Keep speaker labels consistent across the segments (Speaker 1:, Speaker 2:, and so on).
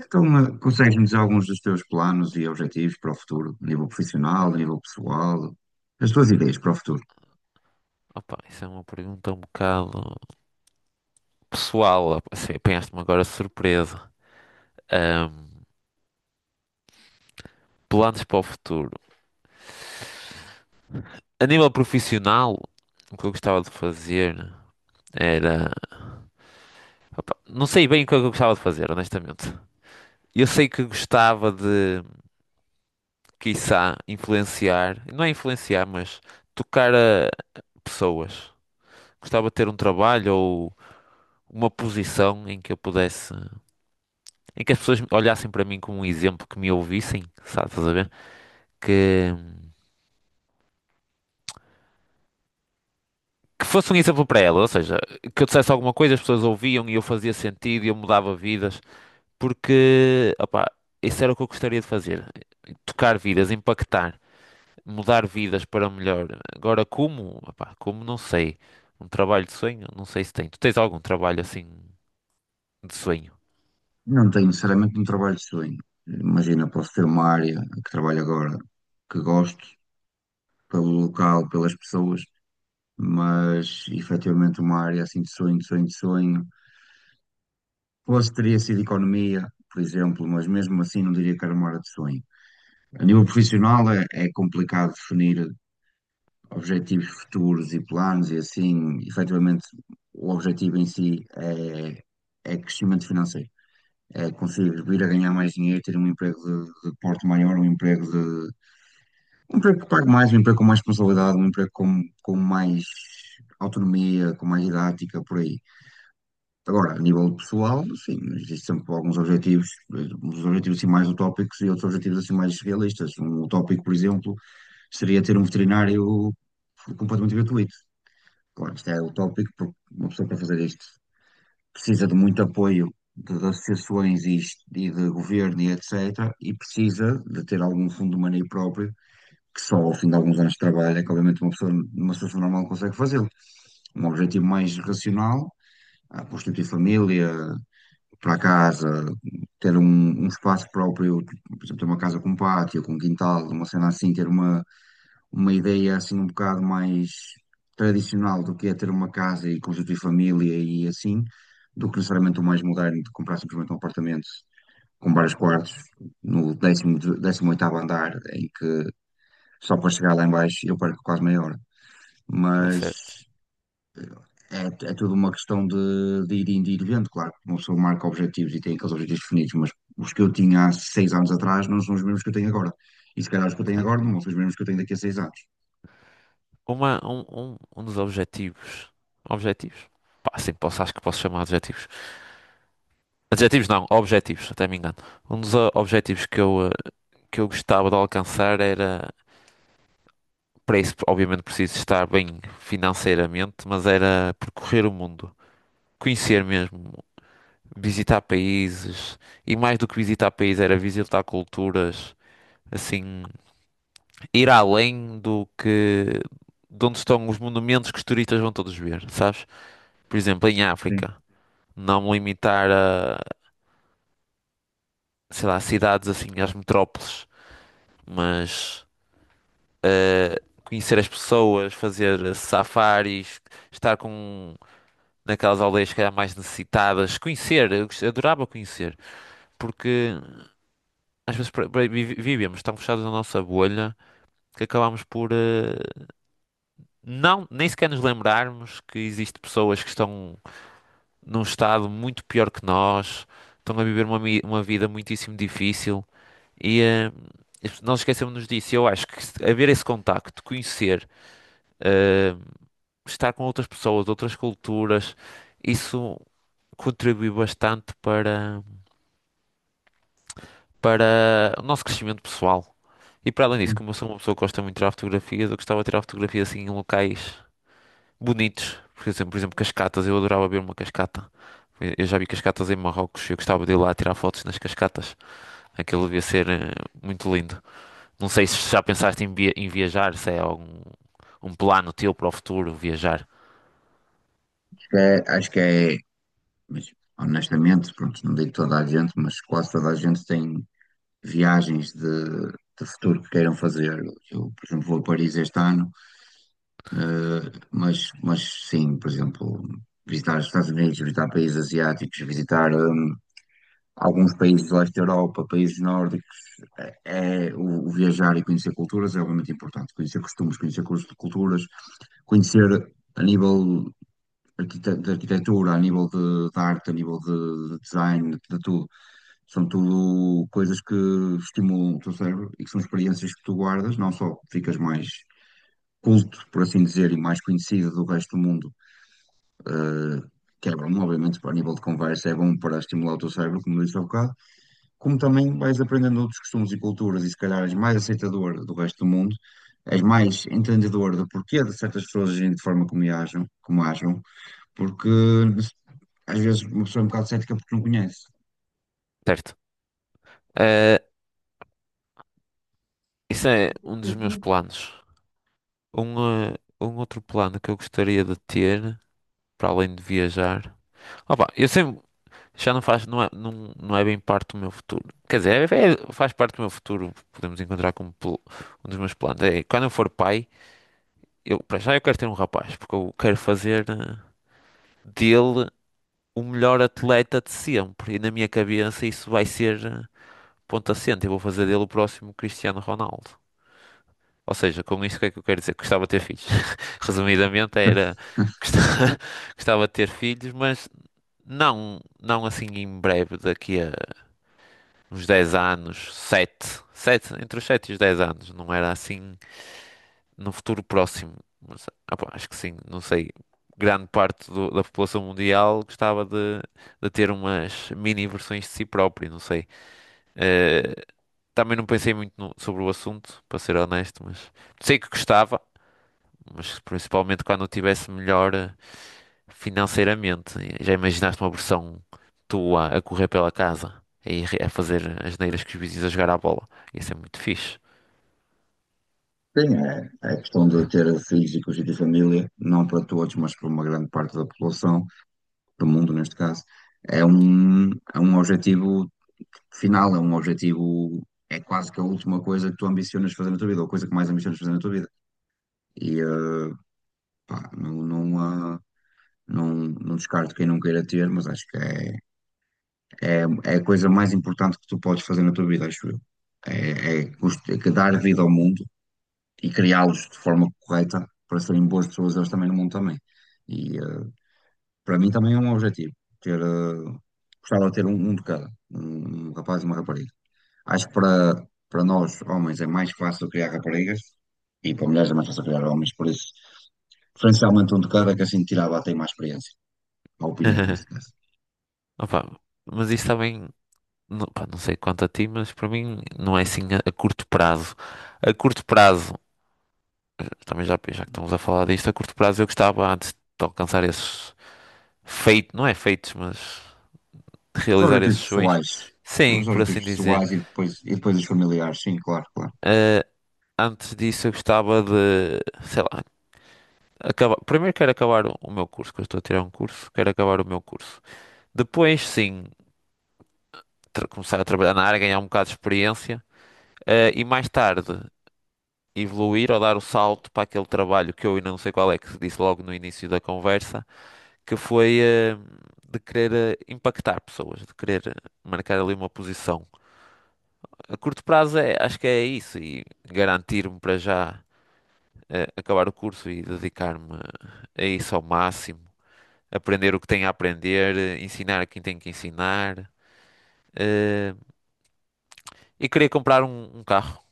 Speaker 1: Então, consegues-me dizer alguns dos teus planos e objetivos para o futuro, a nível profissional, a nível pessoal, as tuas ideias para o futuro?
Speaker 2: Opa, isso é uma pergunta um bocado pessoal. Assim, apanhaste-me agora de surpresa. Ahm, Planos para o futuro. A nível profissional, o que eu gostava de fazer era. Opa, não sei bem o que é que eu gostava de fazer, honestamente. Eu sei que gostava de, quiçá, influenciar. Não é influenciar, mas tocar a pessoas. Gostava de ter um trabalho ou uma posição em que eu pudesse. Em que as pessoas olhassem para mim como um exemplo, que me ouvissem, sabe, estás a ver? que, que fosse um exemplo para ela, ou seja, que eu dissesse alguma coisa, as pessoas ouviam e eu fazia sentido e eu mudava vidas, porque, opá, isso era o que eu gostaria de fazer, tocar vidas, impactar, mudar vidas para melhor. Agora, como, opá, como não sei, um trabalho de sonho, não sei se tem. Tu tens algum trabalho assim de sonho,
Speaker 1: Não tenho necessariamente um trabalho de sonho. Imagina, posso ter uma área que trabalho agora que gosto, pelo local, pelas pessoas, mas efetivamente uma área assim de sonho, de sonho, de sonho. Posso teria sido economia, por exemplo, mas mesmo assim não diria que era uma área de sonho. A nível profissional é complicado definir objetivos futuros e planos, e assim, efetivamente, o objetivo em si é crescimento financeiro. É conseguir vir a ganhar mais dinheiro, ter um emprego de porte maior, um emprego de, um emprego que pague mais, um emprego com mais responsabilidade, um emprego com mais autonomia, com mais didática, por aí. Agora, a nível pessoal, sim, existem sempre alguns objetivos, uns objetivos assim mais utópicos e outros objetivos assim mais realistas. Um utópico, por exemplo, seria ter um veterinário completamente gratuito. Claro, isto é utópico, porque uma pessoa para fazer isto precisa de muito apoio de associações e, e de governo e etc. E precisa de ter algum fundo de maneio próprio, que só ao fim de alguns anos de trabalho é que, obviamente, uma pessoa numa situação normal consegue fazê-lo. Um objetivo mais racional, a constituir família, para a casa, ter um, um espaço próprio, tipo, por exemplo, ter uma casa com um pátio, com um quintal, uma cena assim, ter uma ideia assim um bocado mais tradicional do que é ter uma casa e constituir família e assim, do que necessariamente o mais moderno de comprar simplesmente um apartamento com vários quartos no décimo oitavo andar, em que só para chegar lá em baixo eu perco quase meia hora.
Speaker 2: é certo?
Speaker 1: Mas é, é tudo uma questão de ir indo e ir vendo, claro, que uma pessoa marca objetivos e tem aqueles objetivos definidos, mas os que eu tinha há seis anos atrás não são os mesmos que eu tenho agora. E se calhar os que eu tenho
Speaker 2: Claro.
Speaker 1: agora não são os mesmos que eu tenho daqui a seis anos.
Speaker 2: Um dos objetivos, objetivos? Pá, sim, posso, acho que posso chamar de objetivos. Adjetivos não, objetivos, até me engano. Um dos objetivos que eu gostava de alcançar era, para isso, obviamente, preciso estar bem financeiramente, mas era percorrer o mundo, conhecer mesmo, visitar países, e mais do que visitar países, era visitar culturas, assim, ir além do que, de onde estão os monumentos que os turistas vão todos ver, sabes? Por exemplo, em África, não me limitar a, sei lá, cidades assim, às metrópoles, mas. eh, Conhecer as pessoas, fazer safaris, estar com naquelas aldeias que calhar mais necessitadas, conhecer, adorava conhecer, porque às vezes vivíamos tão fechados na nossa bolha que acabámos por não nem sequer nos lembrarmos que existem pessoas que estão num estado muito pior que nós, estão a viver uma vida muitíssimo difícil e nós esquecemos-nos disso. Eu acho que haver esse contacto, conhecer. eh, Estar com outras pessoas, outras culturas, isso contribui bastante para, para o nosso crescimento pessoal. E para além disso,
Speaker 1: Sim.
Speaker 2: como eu sou uma pessoa que gosta muito de tirar fotografias, eu gostava de tirar fotografias assim em locais bonitos. Por exemplo, cascatas, eu adorava ver uma cascata. Eu já vi cascatas em Marrocos, eu gostava de ir lá tirar fotos nas cascatas. Aquilo devia ser muito lindo. Não sei se já pensaste em viajar, se é algum um plano teu para o futuro, viajar.
Speaker 1: É, acho que é, mas, honestamente, pronto, não digo toda a gente, mas quase toda a gente tem viagens de futuro que queiram fazer. Eu, por exemplo, vou a Paris este ano, eh, mas sim, por exemplo, visitar os Estados Unidos, visitar países asiáticos, visitar alguns países do leste da Europa, países nórdicos. É, é- o viajar e conhecer culturas é obviamente importante, conhecer costumes, conhecer culturas, conhecer a nível de arquitetura, a nível de arte, a nível de design, de tudo. São tudo coisas que estimulam o teu cérebro e que são experiências que tu guardas, não só ficas mais culto, por assim dizer, e mais conhecido do resto do mundo, eh, que é bom, obviamente, para a nível de conversa, é bom para estimular o teu cérebro, como disse há bocado, como também vais aprendendo outros costumes e culturas e se calhar és mais aceitador do resto do mundo, és mais entendedor do porquê de certas pessoas agirem de forma como agem, porque às vezes uma pessoa é um bocado cética porque não conhece.
Speaker 2: Certo. Eh, isso é um dos meus planos. Um, eh, um outro plano que eu gostaria de ter, para além de viajar. Opa, eu sempre. Já não faz. Não é, não, não é bem parte do meu futuro. Quer dizer, faz parte do meu futuro. Podemos encontrar como um dos meus planos. É, quando eu for pai, eu, para já eu quero ter um rapaz, porque eu quero fazer dele o melhor atleta de sempre. E na minha cabeça isso vai ser. Ponto assente, eu vou fazer dele o próximo Cristiano Ronaldo. Ou seja, com isso o que é que eu quero dizer? Gostava de ter filhos. Resumidamente era gosta- gostava de ter filhos, mas não, não assim em breve, daqui a uns 10 anos, sete, entre os 7 e os 10 anos, não era assim no futuro próximo. Mas, opa, acho que sim, não sei. Grande parte da população mundial gostava de ter umas mini versões de si próprio, não sei. Eh, Também não pensei muito sobre o assunto, para ser honesto, mas sei que gostava, mas principalmente quando eu tivesse melhor financeiramente. Já imaginaste uma versão tua a correr pela casa e a fazer as neiras que os vizinhos a jogar à bola? Ia ser muito fixe.
Speaker 1: Sim, é, é questão de ter filhos e constituir família, não para todos, mas para uma grande parte da população, do mundo neste caso. É um objetivo final, é um objetivo, é quase que a última coisa que tu ambicionas fazer na tua vida, ou a coisa que mais ambicionas fazer na tua vida. E pá, não descarto quem não queira ter, mas acho que é, É, é a coisa mais importante que tu podes fazer na tua vida, acho eu. É, é que dar vida ao mundo e criá-los de forma correta para serem boas pessoas, eles também no mundo também. E para mim também é um objetivo, ter, eh, gostava de ter um, um de cada, um rapaz e uma rapariga. Acho que para, para nós, homens, é mais fácil criar raparigas e para mulheres é mais fácil criar homens, por isso, preferencialmente um de cada, que assim tirava até mais experiência, a opinião, neste caso.
Speaker 2: Opa, mas isso também, não, pá, não sei quanto a ti, mas para mim não é assim a curto prazo. A curto prazo, também já, já que estamos a falar disto, a curto prazo eu gostava antes de alcançar esses feitos, não é feitos, mas
Speaker 1: Os
Speaker 2: realizar esses
Speaker 1: objetivos
Speaker 2: sonhos.
Speaker 1: pessoais.
Speaker 2: Sim,
Speaker 1: Os
Speaker 2: por assim
Speaker 1: objetivos
Speaker 2: dizer.
Speaker 1: pessoais e depois os familiares, sim, claro, claro.
Speaker 2: Eh, Antes disso, eu gostava de, sei lá, acabar. Primeiro quero acabar o meu curso, que eu estou a tirar um curso, quero acabar o meu curso. Depois, sim, começar a trabalhar na área, ganhar um bocado de experiência, e mais tarde evoluir ou dar o salto para aquele trabalho que eu ainda não sei qual é, que disse logo no início da conversa, que foi, de querer impactar pessoas, de querer marcar ali uma posição. A curto prazo é, acho que é isso e garantir-me para já acabar o curso e dedicar-me a isso ao máximo, aprender o que tenho a aprender, ensinar a quem tenho que ensinar eh, e queria comprar um carro.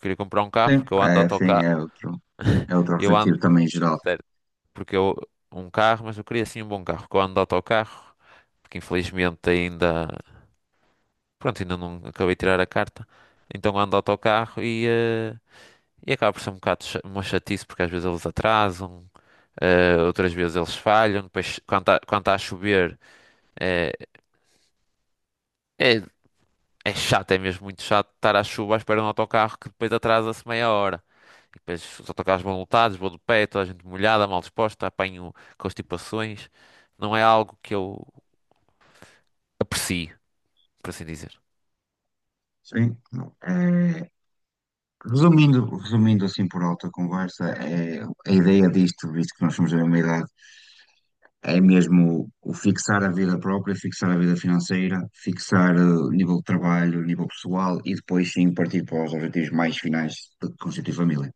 Speaker 2: Queria comprar um carro porque eu ando de
Speaker 1: Sim,
Speaker 2: autocarro.
Speaker 1: é outro
Speaker 2: Eu ando,
Speaker 1: objetivo também geral.
Speaker 2: sério, porque eu um carro, mas eu queria assim um bom carro, porque eu ando de autocarro, porque infelizmente ainda, pronto, ainda não acabei de tirar a carta. Então ando de autocarro E acaba por ser um bocado uma chatice porque às vezes eles atrasam, outras vezes eles falham. Depois, quando tá a chover, eh, é, é chato, é mesmo muito chato estar à chuva à espera de um autocarro que depois atrasa-se meia hora. E depois os autocarros vão lotados, vou de pé, toda a gente molhada, mal disposta, apanho constipações. Não é algo que eu aprecio, por assim dizer.
Speaker 1: Sim. É, resumindo, resumindo assim por alta conversa, é, a ideia disto, visto que nós somos da mesma idade, é mesmo o fixar a vida própria, fixar a vida financeira, fixar o nível de trabalho, o nível pessoal e depois sim partir para os objetivos mais finais de constituir família.